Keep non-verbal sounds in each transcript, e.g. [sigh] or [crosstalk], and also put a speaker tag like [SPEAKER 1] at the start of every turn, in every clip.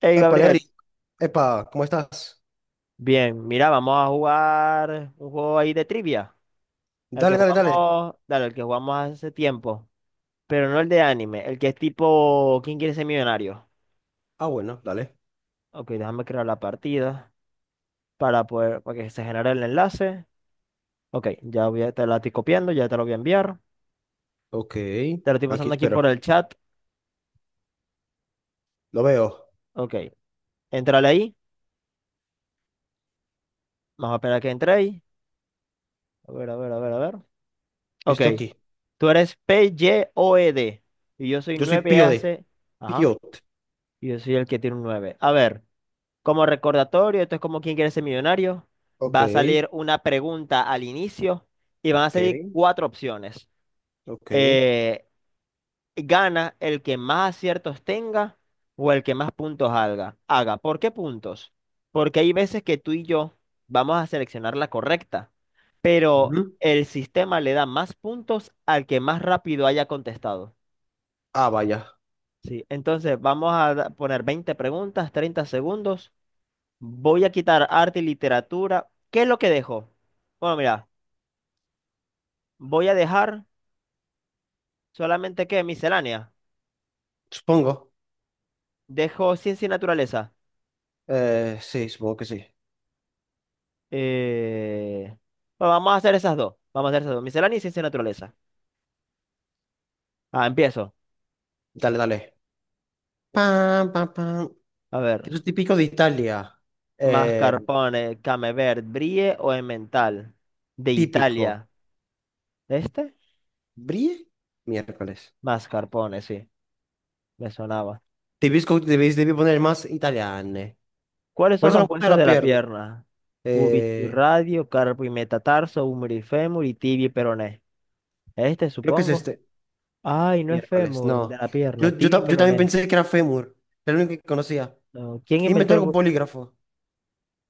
[SPEAKER 1] Hey
[SPEAKER 2] Epa,
[SPEAKER 1] Gabriel,
[SPEAKER 2] Lery. Epa, ¿cómo estás?
[SPEAKER 1] bien, mira, vamos a jugar un juego ahí de trivia, el que
[SPEAKER 2] Dale, dale, dale.
[SPEAKER 1] jugamos, dale, el que jugamos hace tiempo, pero no el de anime, el que es tipo ¿Quién quiere ser millonario?
[SPEAKER 2] Ah, bueno, dale.
[SPEAKER 1] Ok, déjame crear la partida para poder, para que se genere el enlace. Ok, ya te la estoy copiando, ya te lo voy a enviar.
[SPEAKER 2] Ok,
[SPEAKER 1] Te lo estoy
[SPEAKER 2] aquí
[SPEAKER 1] pasando aquí por
[SPEAKER 2] espero.
[SPEAKER 1] el chat.
[SPEAKER 2] Lo veo.
[SPEAKER 1] Ok, entrale ahí. Vamos a esperar a que entréis. A ver, a ver, a ver, a ver. Ok,
[SPEAKER 2] Estoy aquí.
[SPEAKER 1] tú eres PYOED y O E D y yo soy
[SPEAKER 2] Yo soy
[SPEAKER 1] 9
[SPEAKER 2] Pío de
[SPEAKER 1] hace. Ajá.
[SPEAKER 2] Piot.
[SPEAKER 1] Y yo soy el que tiene un 9. A ver. Como recordatorio, esto es como quién quiere ser millonario.
[SPEAKER 2] Ok,
[SPEAKER 1] Va a salir una pregunta al inicio y van a
[SPEAKER 2] ok,
[SPEAKER 1] salir cuatro opciones.
[SPEAKER 2] ok.
[SPEAKER 1] Eh, gana el que más aciertos tenga o el que más puntos haga. Haga. ¿Por qué puntos? Porque hay veces que tú y yo vamos a seleccionar la correcta, pero
[SPEAKER 2] Ujú.
[SPEAKER 1] el sistema le da más puntos al que más rápido haya contestado.
[SPEAKER 2] Ah, vaya.
[SPEAKER 1] Sí, entonces poner 20 preguntas, 30 segundos. Voy a quitar arte y literatura. ¿Qué es lo que dejo? Bueno, mira, voy a dejar solamente que miscelánea.
[SPEAKER 2] Supongo.
[SPEAKER 1] Dejo ciencia y naturaleza.
[SPEAKER 2] Sí, supongo que sí.
[SPEAKER 1] Eh, bueno, vamos a hacer esas dos. Vamos a hacer esas dos. Miscelánea y ciencia y naturaleza. Ah, empiezo.
[SPEAKER 2] Dale, dale. Pam, pam, pam.
[SPEAKER 1] A ver.
[SPEAKER 2] Eso es típico de Italia. Eh,
[SPEAKER 1] Mascarpone, Camembert, Brie o Emmental. De
[SPEAKER 2] típico.
[SPEAKER 1] Italia. ¿Este?
[SPEAKER 2] ¿Brie? Miércoles.
[SPEAKER 1] Mascarpone, sí. Me sonaba.
[SPEAKER 2] Debí poner más italiane.
[SPEAKER 1] ¿Cuáles
[SPEAKER 2] Por
[SPEAKER 1] son
[SPEAKER 2] eso no
[SPEAKER 1] los
[SPEAKER 2] puse
[SPEAKER 1] huesos
[SPEAKER 2] la
[SPEAKER 1] de la
[SPEAKER 2] pierna.
[SPEAKER 1] pierna? Cúbito y
[SPEAKER 2] Eh,
[SPEAKER 1] radio, carpo y metatarso, húmero y fémur y tibia y peroné. Este,
[SPEAKER 2] Creo que es
[SPEAKER 1] supongo.
[SPEAKER 2] este
[SPEAKER 1] Ay, no es
[SPEAKER 2] miércoles,
[SPEAKER 1] fémur de
[SPEAKER 2] no.
[SPEAKER 1] la pierna, tibia y
[SPEAKER 2] Yo también
[SPEAKER 1] peroné.
[SPEAKER 2] pensé que era fémur, era el único que conocía.
[SPEAKER 1] No. ¿Quién
[SPEAKER 2] ¿Quién
[SPEAKER 1] inventó
[SPEAKER 2] inventó
[SPEAKER 1] el...
[SPEAKER 2] el
[SPEAKER 1] bu-
[SPEAKER 2] bolígrafo?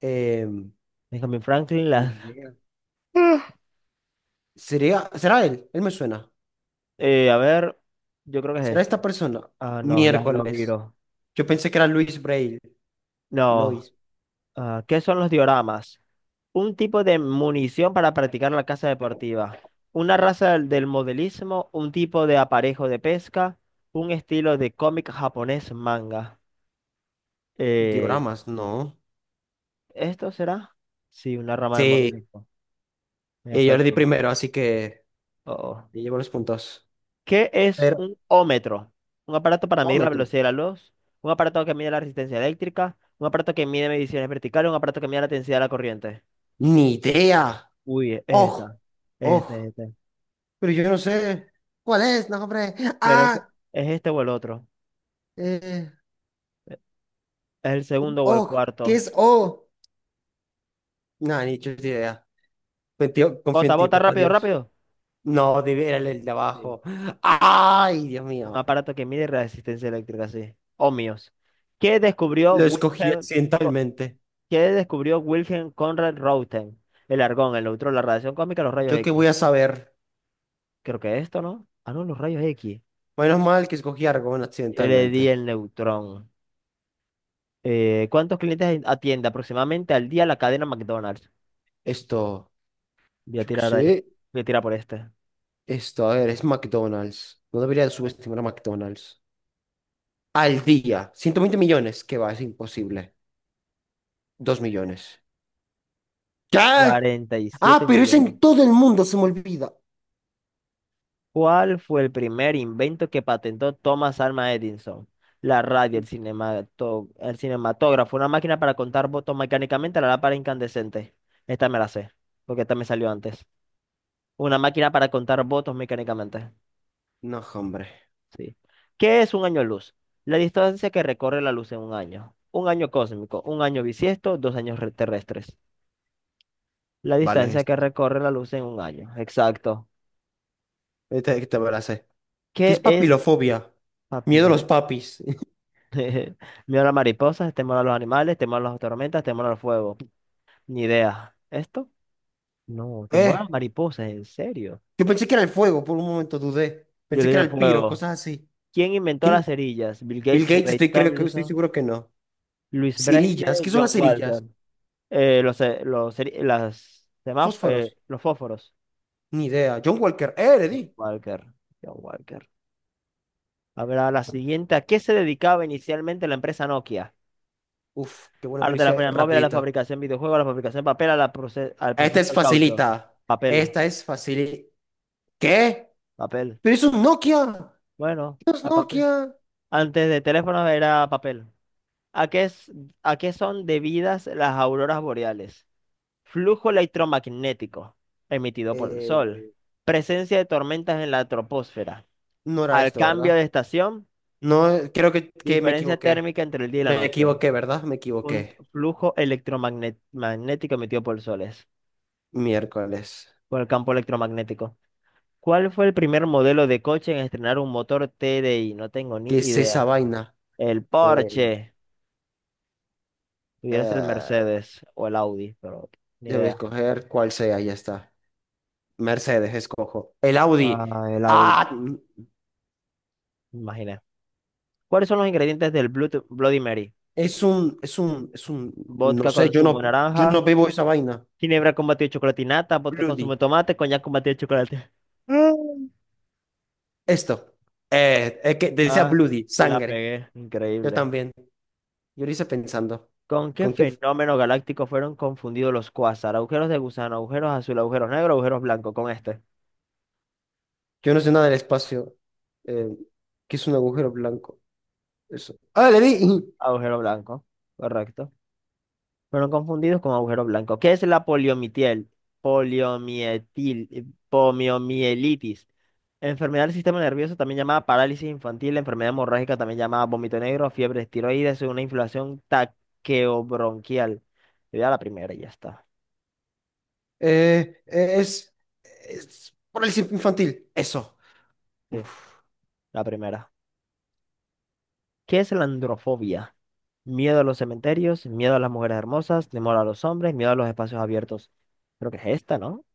[SPEAKER 2] Em,
[SPEAKER 1] Benjamin Franklin
[SPEAKER 2] Ni
[SPEAKER 1] las...
[SPEAKER 2] idea.
[SPEAKER 1] [laughs]
[SPEAKER 2] ¿Sería, será él? Él me suena.
[SPEAKER 1] A ver, yo creo que es
[SPEAKER 2] ¿Será esta
[SPEAKER 1] este.
[SPEAKER 2] persona?
[SPEAKER 1] Ah, no, las
[SPEAKER 2] Miércoles.
[SPEAKER 1] lobiro.
[SPEAKER 2] Yo pensé que era Luis Braille.
[SPEAKER 1] No.
[SPEAKER 2] Lois.
[SPEAKER 1] Ah, ¿qué son los dioramas? Un tipo de munición para practicar la caza deportiva. Una raza del modelismo, un tipo de aparejo de pesca, un estilo de cómic japonés manga. Eh,
[SPEAKER 2] Dioramas, no.
[SPEAKER 1] ¿Esto será? Sí, una rama del
[SPEAKER 2] Sí,
[SPEAKER 1] modelismo. En
[SPEAKER 2] yo le di
[SPEAKER 1] efecto.
[SPEAKER 2] primero, así que
[SPEAKER 1] Oh. Oh.
[SPEAKER 2] le llevo los puntos.
[SPEAKER 1] ¿Qué es
[SPEAKER 2] Pero,
[SPEAKER 1] un ómetro? Un aparato para medir la velocidad de la luz, un aparato que mide la resistencia eléctrica, un aparato que mide mediciones verticales, un aparato que mide la densidad de la corriente.
[SPEAKER 2] Ni idea.
[SPEAKER 1] Uy, es esta.
[SPEAKER 2] Ojo,
[SPEAKER 1] Este,
[SPEAKER 2] ojo.
[SPEAKER 1] este.
[SPEAKER 2] Pero yo no sé. ¿Cuál es? No, hombre.
[SPEAKER 1] Creo que
[SPEAKER 2] Ah,
[SPEAKER 1] es este o el otro.
[SPEAKER 2] eh,
[SPEAKER 1] Es el segundo o el
[SPEAKER 2] Oh, ¿qué
[SPEAKER 1] cuarto.
[SPEAKER 2] es Oh? No, ni chuta idea. Confío, confío
[SPEAKER 1] Bota,
[SPEAKER 2] en ti,
[SPEAKER 1] bota,
[SPEAKER 2] papá
[SPEAKER 1] rápido,
[SPEAKER 2] Dios.
[SPEAKER 1] rápido.
[SPEAKER 2] No, debe- Era el de
[SPEAKER 1] Sí.
[SPEAKER 2] abajo. Ay, Dios
[SPEAKER 1] Un
[SPEAKER 2] mío.
[SPEAKER 1] aparato que mide resistencia eléctrica, sí. Ohmios. ¿Qué descubrió
[SPEAKER 2] Lo escogí
[SPEAKER 1] Wilhelm, Co-
[SPEAKER 2] accidentalmente.
[SPEAKER 1] ¿Qué descubrió Wilhelm Conrad Röntgen? El argón, el neutrón, la radiación cósmica, los rayos
[SPEAKER 2] ¿Yo qué
[SPEAKER 1] X.
[SPEAKER 2] voy a saber?
[SPEAKER 1] Creo que esto, ¿no? Ah, no, los rayos X.
[SPEAKER 2] Menos mal que escogí Argón
[SPEAKER 1] Yo le
[SPEAKER 2] accidentalmente.
[SPEAKER 1] di el neutrón. ¿Cuántos clientes atiende aproximadamente al día la cadena McDonald's?
[SPEAKER 2] Esto,
[SPEAKER 1] Voy a
[SPEAKER 2] yo qué
[SPEAKER 1] tirar, a este-
[SPEAKER 2] sé.
[SPEAKER 1] voy a tirar por este.
[SPEAKER 2] Esto, a ver, es McDonald's. No debería subestimar a McDonald's. Al día, 120 millones. ¿Qué va? Es imposible. 2 millones. ¿Qué? Ah,
[SPEAKER 1] 47
[SPEAKER 2] pero es
[SPEAKER 1] millones.
[SPEAKER 2] en todo el mundo, se me olvida.
[SPEAKER 1] ¿Cuál fue el primer invento que patentó Thomas Alva Edison? La radio, el cinematógrafo, una máquina para contar votos mecánicamente a la lámpara incandescente. Esta me la sé, porque esta me salió antes. Una máquina para contar votos mecánicamente.
[SPEAKER 2] No, hombre.
[SPEAKER 1] Sí. ¿Qué es un año luz? La distancia que recorre la luz en un año. Un año cósmico, un año bisiesto, terrestres. La
[SPEAKER 2] Vale,
[SPEAKER 1] distancia que recorre la luz en un año. Exacto.
[SPEAKER 2] esta que me la sé. ¿Qué
[SPEAKER 1] ¿Qué
[SPEAKER 2] es
[SPEAKER 1] es
[SPEAKER 2] papilofobia? Miedo a
[SPEAKER 1] papiro?
[SPEAKER 2] los papis. [laughs]
[SPEAKER 1] [laughs] Miedo a las [laughs] mariposas, temor a los animales, temor a las tormentas, temor al fuego. Ni idea. ¿Esto? No, temor a las
[SPEAKER 2] Eh,
[SPEAKER 1] mariposas, en serio.
[SPEAKER 2] yo pensé que era el fuego, por un momento dudé.
[SPEAKER 1] Yo
[SPEAKER 2] Pensé
[SPEAKER 1] le
[SPEAKER 2] que
[SPEAKER 1] di
[SPEAKER 2] era
[SPEAKER 1] el
[SPEAKER 2] el piro,
[SPEAKER 1] fuego.
[SPEAKER 2] cosas así.
[SPEAKER 1] ¿Quién inventó las
[SPEAKER 2] ¿Quién?
[SPEAKER 1] cerillas? Bill
[SPEAKER 2] Bill
[SPEAKER 1] Gates,
[SPEAKER 2] Gates,
[SPEAKER 1] Ray
[SPEAKER 2] creo que estoy
[SPEAKER 1] Tomlinson,
[SPEAKER 2] seguro que no.
[SPEAKER 1] Luis
[SPEAKER 2] Cerillas,
[SPEAKER 1] Braille,
[SPEAKER 2] ¿qué son
[SPEAKER 1] John
[SPEAKER 2] las
[SPEAKER 1] Walker.
[SPEAKER 2] cerillas?
[SPEAKER 1] Los, seri- las, semáf-
[SPEAKER 2] Fósforos,
[SPEAKER 1] los fósforos.
[SPEAKER 2] ni idea. John Walker, le
[SPEAKER 1] John
[SPEAKER 2] di.
[SPEAKER 1] Walker. John Walker. Habrá la siguiente. ¿A qué se dedicaba inicialmente la empresa Nokia?
[SPEAKER 2] Uf, qué bueno
[SPEAKER 1] A
[SPEAKER 2] que
[SPEAKER 1] la
[SPEAKER 2] lo hice
[SPEAKER 1] telefonía móvil, a la
[SPEAKER 2] rapidito.
[SPEAKER 1] fabricación de videojuegos, a la fabricación de papel, al
[SPEAKER 2] Esta
[SPEAKER 1] proceso
[SPEAKER 2] es
[SPEAKER 1] del caucho.
[SPEAKER 2] facilita.
[SPEAKER 1] Papel,
[SPEAKER 2] Esta es facilita. ¿Qué?
[SPEAKER 1] papel.
[SPEAKER 2] Pero es un Nokia.
[SPEAKER 1] Bueno,
[SPEAKER 2] ¿Qué es
[SPEAKER 1] al papel.
[SPEAKER 2] Nokia?
[SPEAKER 1] Antes de teléfonos era papel. ¿A qué, es, ¿a qué son debidas las auroras boreales? Flujo electromagnético emitido por el sol.
[SPEAKER 2] Eh,
[SPEAKER 1] Presencia de tormentas en la troposfera.
[SPEAKER 2] ¿no era
[SPEAKER 1] Al
[SPEAKER 2] esto,
[SPEAKER 1] cambio
[SPEAKER 2] verdad?
[SPEAKER 1] de estación,
[SPEAKER 2] No, creo que me
[SPEAKER 1] diferencia
[SPEAKER 2] equivoqué.
[SPEAKER 1] térmica entre el día y la
[SPEAKER 2] Me
[SPEAKER 1] noche.
[SPEAKER 2] equivoqué, ¿verdad? Me
[SPEAKER 1] Un
[SPEAKER 2] equivoqué.
[SPEAKER 1] flujo electromagnético emitido por soles,
[SPEAKER 2] Miércoles.
[SPEAKER 1] por el campo electromagnético. ¿Cuál fue el primer modelo de coche en estrenar un motor TDI? No tengo ni
[SPEAKER 2] ¿Qué es esa
[SPEAKER 1] idea.
[SPEAKER 2] vaina?
[SPEAKER 1] El
[SPEAKER 2] Eh,
[SPEAKER 1] Porsche. Pudiera ser el
[SPEAKER 2] eh,
[SPEAKER 1] Mercedes o el Audi, pero ni
[SPEAKER 2] Debo
[SPEAKER 1] idea.
[SPEAKER 2] escoger cuál sea, ya está. Mercedes, escojo. El Audi.
[SPEAKER 1] Ah, el Audi,
[SPEAKER 2] Ah,
[SPEAKER 1] me imaginé. ¿Cuáles son los ingredientes del Blut- Bloody Mary?
[SPEAKER 2] es un, no
[SPEAKER 1] Vodka
[SPEAKER 2] sé,
[SPEAKER 1] con zumo de
[SPEAKER 2] yo
[SPEAKER 1] naranja,
[SPEAKER 2] no bebo esa vaina.
[SPEAKER 1] ginebra con batido de chocolatinata, vodka con zumo de
[SPEAKER 2] Bloody.
[SPEAKER 1] tomate, coñac con batido de chocolate. [laughs]
[SPEAKER 2] Esto. Es que decía
[SPEAKER 1] Ah,
[SPEAKER 2] Bloody,
[SPEAKER 1] la
[SPEAKER 2] sangre.
[SPEAKER 1] pegué,
[SPEAKER 2] Yo
[SPEAKER 1] increíble.
[SPEAKER 2] también. Yo lo hice pensando.
[SPEAKER 1] ¿Con qué
[SPEAKER 2] ¿Con qué?
[SPEAKER 1] fenómeno galáctico fueron confundidos los cuásar? Agujeros de gusano, agujeros azul, agujeros negros, agujeros blancos. Con este,
[SPEAKER 2] Yo no sé nada del espacio. Eh, ¿Qué es un agujero blanco? Eso. Ah, le di.
[SPEAKER 1] agujero blanco, correcto. Fueron confundidos con agujeros blancos. ¿Qué es la poliomielitis? Poliomietil, poliomielitis. Enfermedad del sistema nervioso, también llamada parálisis infantil, enfermedad hemorrágica, también llamada vómito negro, fiebre tiroides, una inflación taqueobronquial. Yo Ya la primera, y ya está.
[SPEAKER 2] Eh, es, es parálisis infantil. Eso.
[SPEAKER 1] Sí,
[SPEAKER 2] Uf,
[SPEAKER 1] la primera. ¿Qué es la androfobia? Miedo a los cementerios, miedo a las mujeres hermosas, temor a los hombres, miedo a los espacios abiertos. Creo que es esta, ¿no?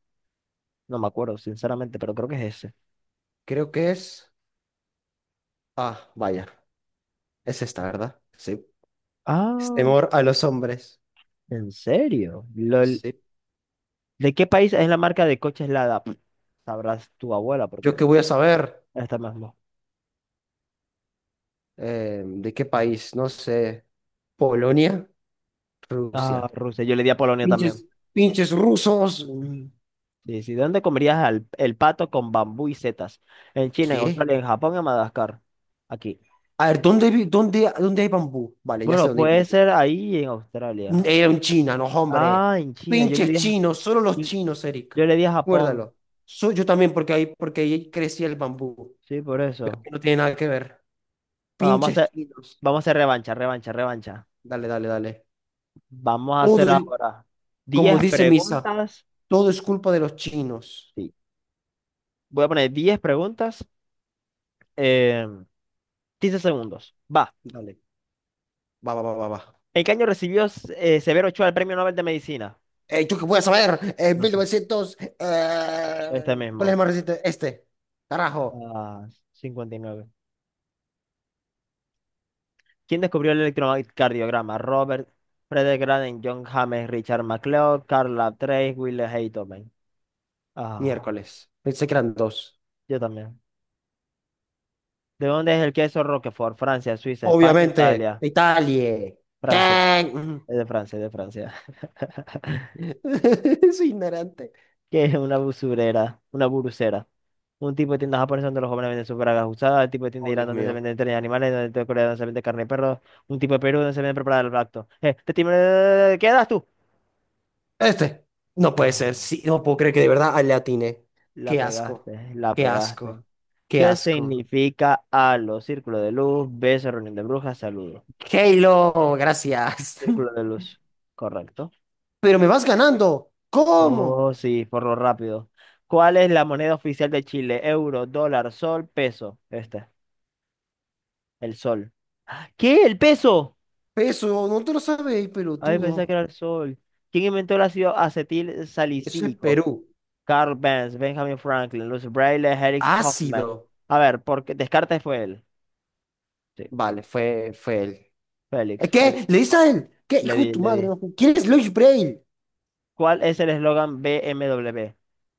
[SPEAKER 1] No me acuerdo, sinceramente, pero creo que es ese.
[SPEAKER 2] creo que es. Ah, vaya. Es esta, ¿verdad? Sí. Es
[SPEAKER 1] Ah,
[SPEAKER 2] temor a los hombres.
[SPEAKER 1] ¿en serio? Lol.
[SPEAKER 2] Sí.
[SPEAKER 1] ¿De qué país es la marca de coches Lada? Pff, sabrás tu abuela,
[SPEAKER 2] ¿Yo qué
[SPEAKER 1] porque
[SPEAKER 2] voy a saber?
[SPEAKER 1] esta mismo.
[SPEAKER 2] ¿De qué país? No sé. Polonia, Rusia.
[SPEAKER 1] Ah, Rusia. Yo le di a Polonia también.
[SPEAKER 2] Pinches, pinches rusos. Mm.
[SPEAKER 1] Sí, sí. ¿El pato con bambú y setas? En China, en
[SPEAKER 2] ¿Qué?
[SPEAKER 1] Australia, en Japón, en Madagascar. Aquí.
[SPEAKER 2] A ver, ¿dónde, dónde hay bambú? Vale, ya sé
[SPEAKER 1] Bueno,
[SPEAKER 2] dónde hay
[SPEAKER 1] puede
[SPEAKER 2] bambú.
[SPEAKER 1] ser ahí en Australia.
[SPEAKER 2] Era un china, no, hombre.
[SPEAKER 1] Ah, en China.
[SPEAKER 2] Pinches chinos, solo los chinos, Eric.
[SPEAKER 1] Yo le di a Japón,
[SPEAKER 2] Recuérdalo. Yo también, porque ahí crecía el bambú.
[SPEAKER 1] sí, por
[SPEAKER 2] Pero
[SPEAKER 1] eso.
[SPEAKER 2] que no tiene nada que ver.
[SPEAKER 1] Bueno,
[SPEAKER 2] Pinches chinos.
[SPEAKER 1] vamos a hacer revancha, revancha, revancha.
[SPEAKER 2] Dale, dale, dale.
[SPEAKER 1] Vamos a
[SPEAKER 2] Todo
[SPEAKER 1] hacer
[SPEAKER 2] es-
[SPEAKER 1] ahora diez
[SPEAKER 2] Como dice Misa,
[SPEAKER 1] preguntas.
[SPEAKER 2] todo es culpa de los chinos.
[SPEAKER 1] Sí. Voy a poner 10 preguntas en 15 segundos. Va.
[SPEAKER 2] Dale. Va, va, va, va, va.
[SPEAKER 1] ¿En qué año recibió Severo Ochoa el Premio Nobel de Medicina?
[SPEAKER 2] ¿Yo qué voy a saber? En
[SPEAKER 1] No sé.
[SPEAKER 2] 1900.
[SPEAKER 1] Este
[SPEAKER 2] ¿Cuál es el
[SPEAKER 1] mismo.
[SPEAKER 2] más reciente? Este. Carajo.
[SPEAKER 1] Ah, cincuenta y nueve. ¿Quién descubrió el electrocardiograma? Robert Frederick Graden, John James, Richard MacLeod, Karl Lamb Trace, Wilhelm Heitmann. Ah,
[SPEAKER 2] Miércoles. Pensé que eran dos.
[SPEAKER 1] yo también. ¿De dónde es el queso Roquefort? Francia, Suiza, España,
[SPEAKER 2] Obviamente,
[SPEAKER 1] Italia.
[SPEAKER 2] Italia.
[SPEAKER 1] Francia.
[SPEAKER 2] ¿Qué? Mm.
[SPEAKER 1] Es de Francia, es de Francia. [laughs]
[SPEAKER 2] [laughs] Soy ignorante.
[SPEAKER 1] ¿Qué es una usurera? Una burucera. Un tipo de tienda japonesa donde los jóvenes venden sus bragas usadas. El tipo de tienda de
[SPEAKER 2] Oh,
[SPEAKER 1] Irán
[SPEAKER 2] Dios
[SPEAKER 1] donde se
[SPEAKER 2] mío.
[SPEAKER 1] venden trenes de animales. Donde el tipo de Corea donde se vende carne de perro. Un tipo de Perú donde se vende preparada el lacto. ¿Qué das tú?
[SPEAKER 2] Este. No puede ser.
[SPEAKER 1] Ah,
[SPEAKER 2] Sí, no puedo creer que de verdad le atiné.
[SPEAKER 1] la
[SPEAKER 2] Qué asco.
[SPEAKER 1] pegaste, la
[SPEAKER 2] Qué
[SPEAKER 1] pegaste.
[SPEAKER 2] asco. Qué
[SPEAKER 1] ¿Qué
[SPEAKER 2] asco.
[SPEAKER 1] significa halo? Círculo de luz, beso, reunión de brujas, saludo.
[SPEAKER 2] Halo, gracias.
[SPEAKER 1] Círculo de
[SPEAKER 2] [laughs]
[SPEAKER 1] luz. Correcto.
[SPEAKER 2] Pero me vas ganando. ¿Cómo?
[SPEAKER 1] Oh, sí, por lo rápido. ¿Cuál es la moneda oficial de Chile? Euro, dólar, sol, peso. Este, el sol. ¿Qué? ¿El peso?
[SPEAKER 2] Eso no te lo sabéis,
[SPEAKER 1] Ay, pensé que
[SPEAKER 2] pelotudo.
[SPEAKER 1] era el sol. ¿Quién inventó el ácido acetil
[SPEAKER 2] Eso es
[SPEAKER 1] salicílico?
[SPEAKER 2] Perú.
[SPEAKER 1] Carl Benz, Benjamin Franklin, Luis Braille, Felix Hoffman.
[SPEAKER 2] Ácido.
[SPEAKER 1] A ver, porque Descartes fue él. Sí,
[SPEAKER 2] Vale, fue él.
[SPEAKER 1] Félix, Félix
[SPEAKER 2] ¿Qué? ¿Le dices
[SPEAKER 1] Hoffmann.
[SPEAKER 2] a él? ¿Qué?
[SPEAKER 1] Le
[SPEAKER 2] Hijo de
[SPEAKER 1] di,
[SPEAKER 2] tu
[SPEAKER 1] le
[SPEAKER 2] madre.
[SPEAKER 1] di.
[SPEAKER 2] No. ¿Quién es Luis Braille?
[SPEAKER 1] ¿Cuál es el eslogan BMW?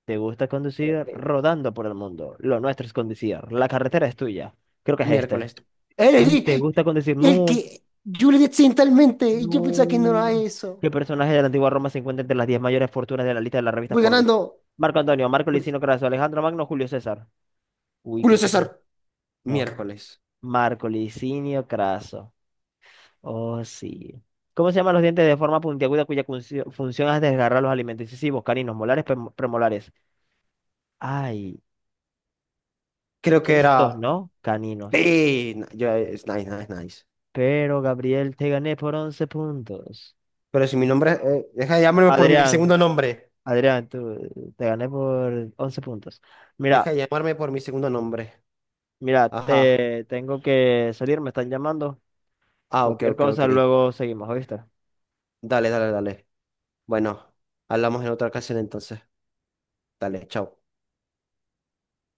[SPEAKER 1] ¿Te gusta conducir? Rodando por el mundo. Lo nuestro es conducir. La carretera es tuya. Creo que es este.
[SPEAKER 2] Miércoles. Era
[SPEAKER 1] Ay, ¿te gusta con decir
[SPEAKER 2] el
[SPEAKER 1] no?
[SPEAKER 2] que yo le di accidentalmente y yo
[SPEAKER 1] No.
[SPEAKER 2] pensaba que no era eso.
[SPEAKER 1] ¿Qué personaje de la antigua Roma se encuentra entre las 10 mayores fortunas de la lista de la revista
[SPEAKER 2] Voy
[SPEAKER 1] Forbes?
[SPEAKER 2] ganando.
[SPEAKER 1] Marco Antonio, Marco Licinio Craso, Alejandro Magno, Julio César. Uy,
[SPEAKER 2] Julio
[SPEAKER 1] creo que es él.
[SPEAKER 2] César.
[SPEAKER 1] No.
[SPEAKER 2] Miércoles.
[SPEAKER 1] Marco Licinio Craso. Oh, sí. ¿Cómo se llaman los dientes de forma puntiaguda cuya funcio- función es desgarrar los alimentos incisivos, caninos, molares, premolares? Ay,
[SPEAKER 2] Creo que
[SPEAKER 1] estos
[SPEAKER 2] era.
[SPEAKER 1] no, caninos.
[SPEAKER 2] Sí, no, yo- Es nice, nice, nice.
[SPEAKER 1] Pero Gabriel, te gané por 11 puntos.
[SPEAKER 2] Pero si mi nombre. Deja de llamarme por mi
[SPEAKER 1] Adrián,
[SPEAKER 2] segundo nombre.
[SPEAKER 1] Adrián, tú, te gané por 11 puntos. Mira,
[SPEAKER 2] Deja de llamarme por mi segundo nombre.
[SPEAKER 1] mira,
[SPEAKER 2] Ajá.
[SPEAKER 1] te tengo que salir, me están llamando.
[SPEAKER 2] Ah, ok,
[SPEAKER 1] Cualquier
[SPEAKER 2] ok, ok.
[SPEAKER 1] cosa, luego seguimos, ¿oíste?
[SPEAKER 2] Dale, dale, dale. Bueno, hablamos en otra ocasión entonces. Dale, chao.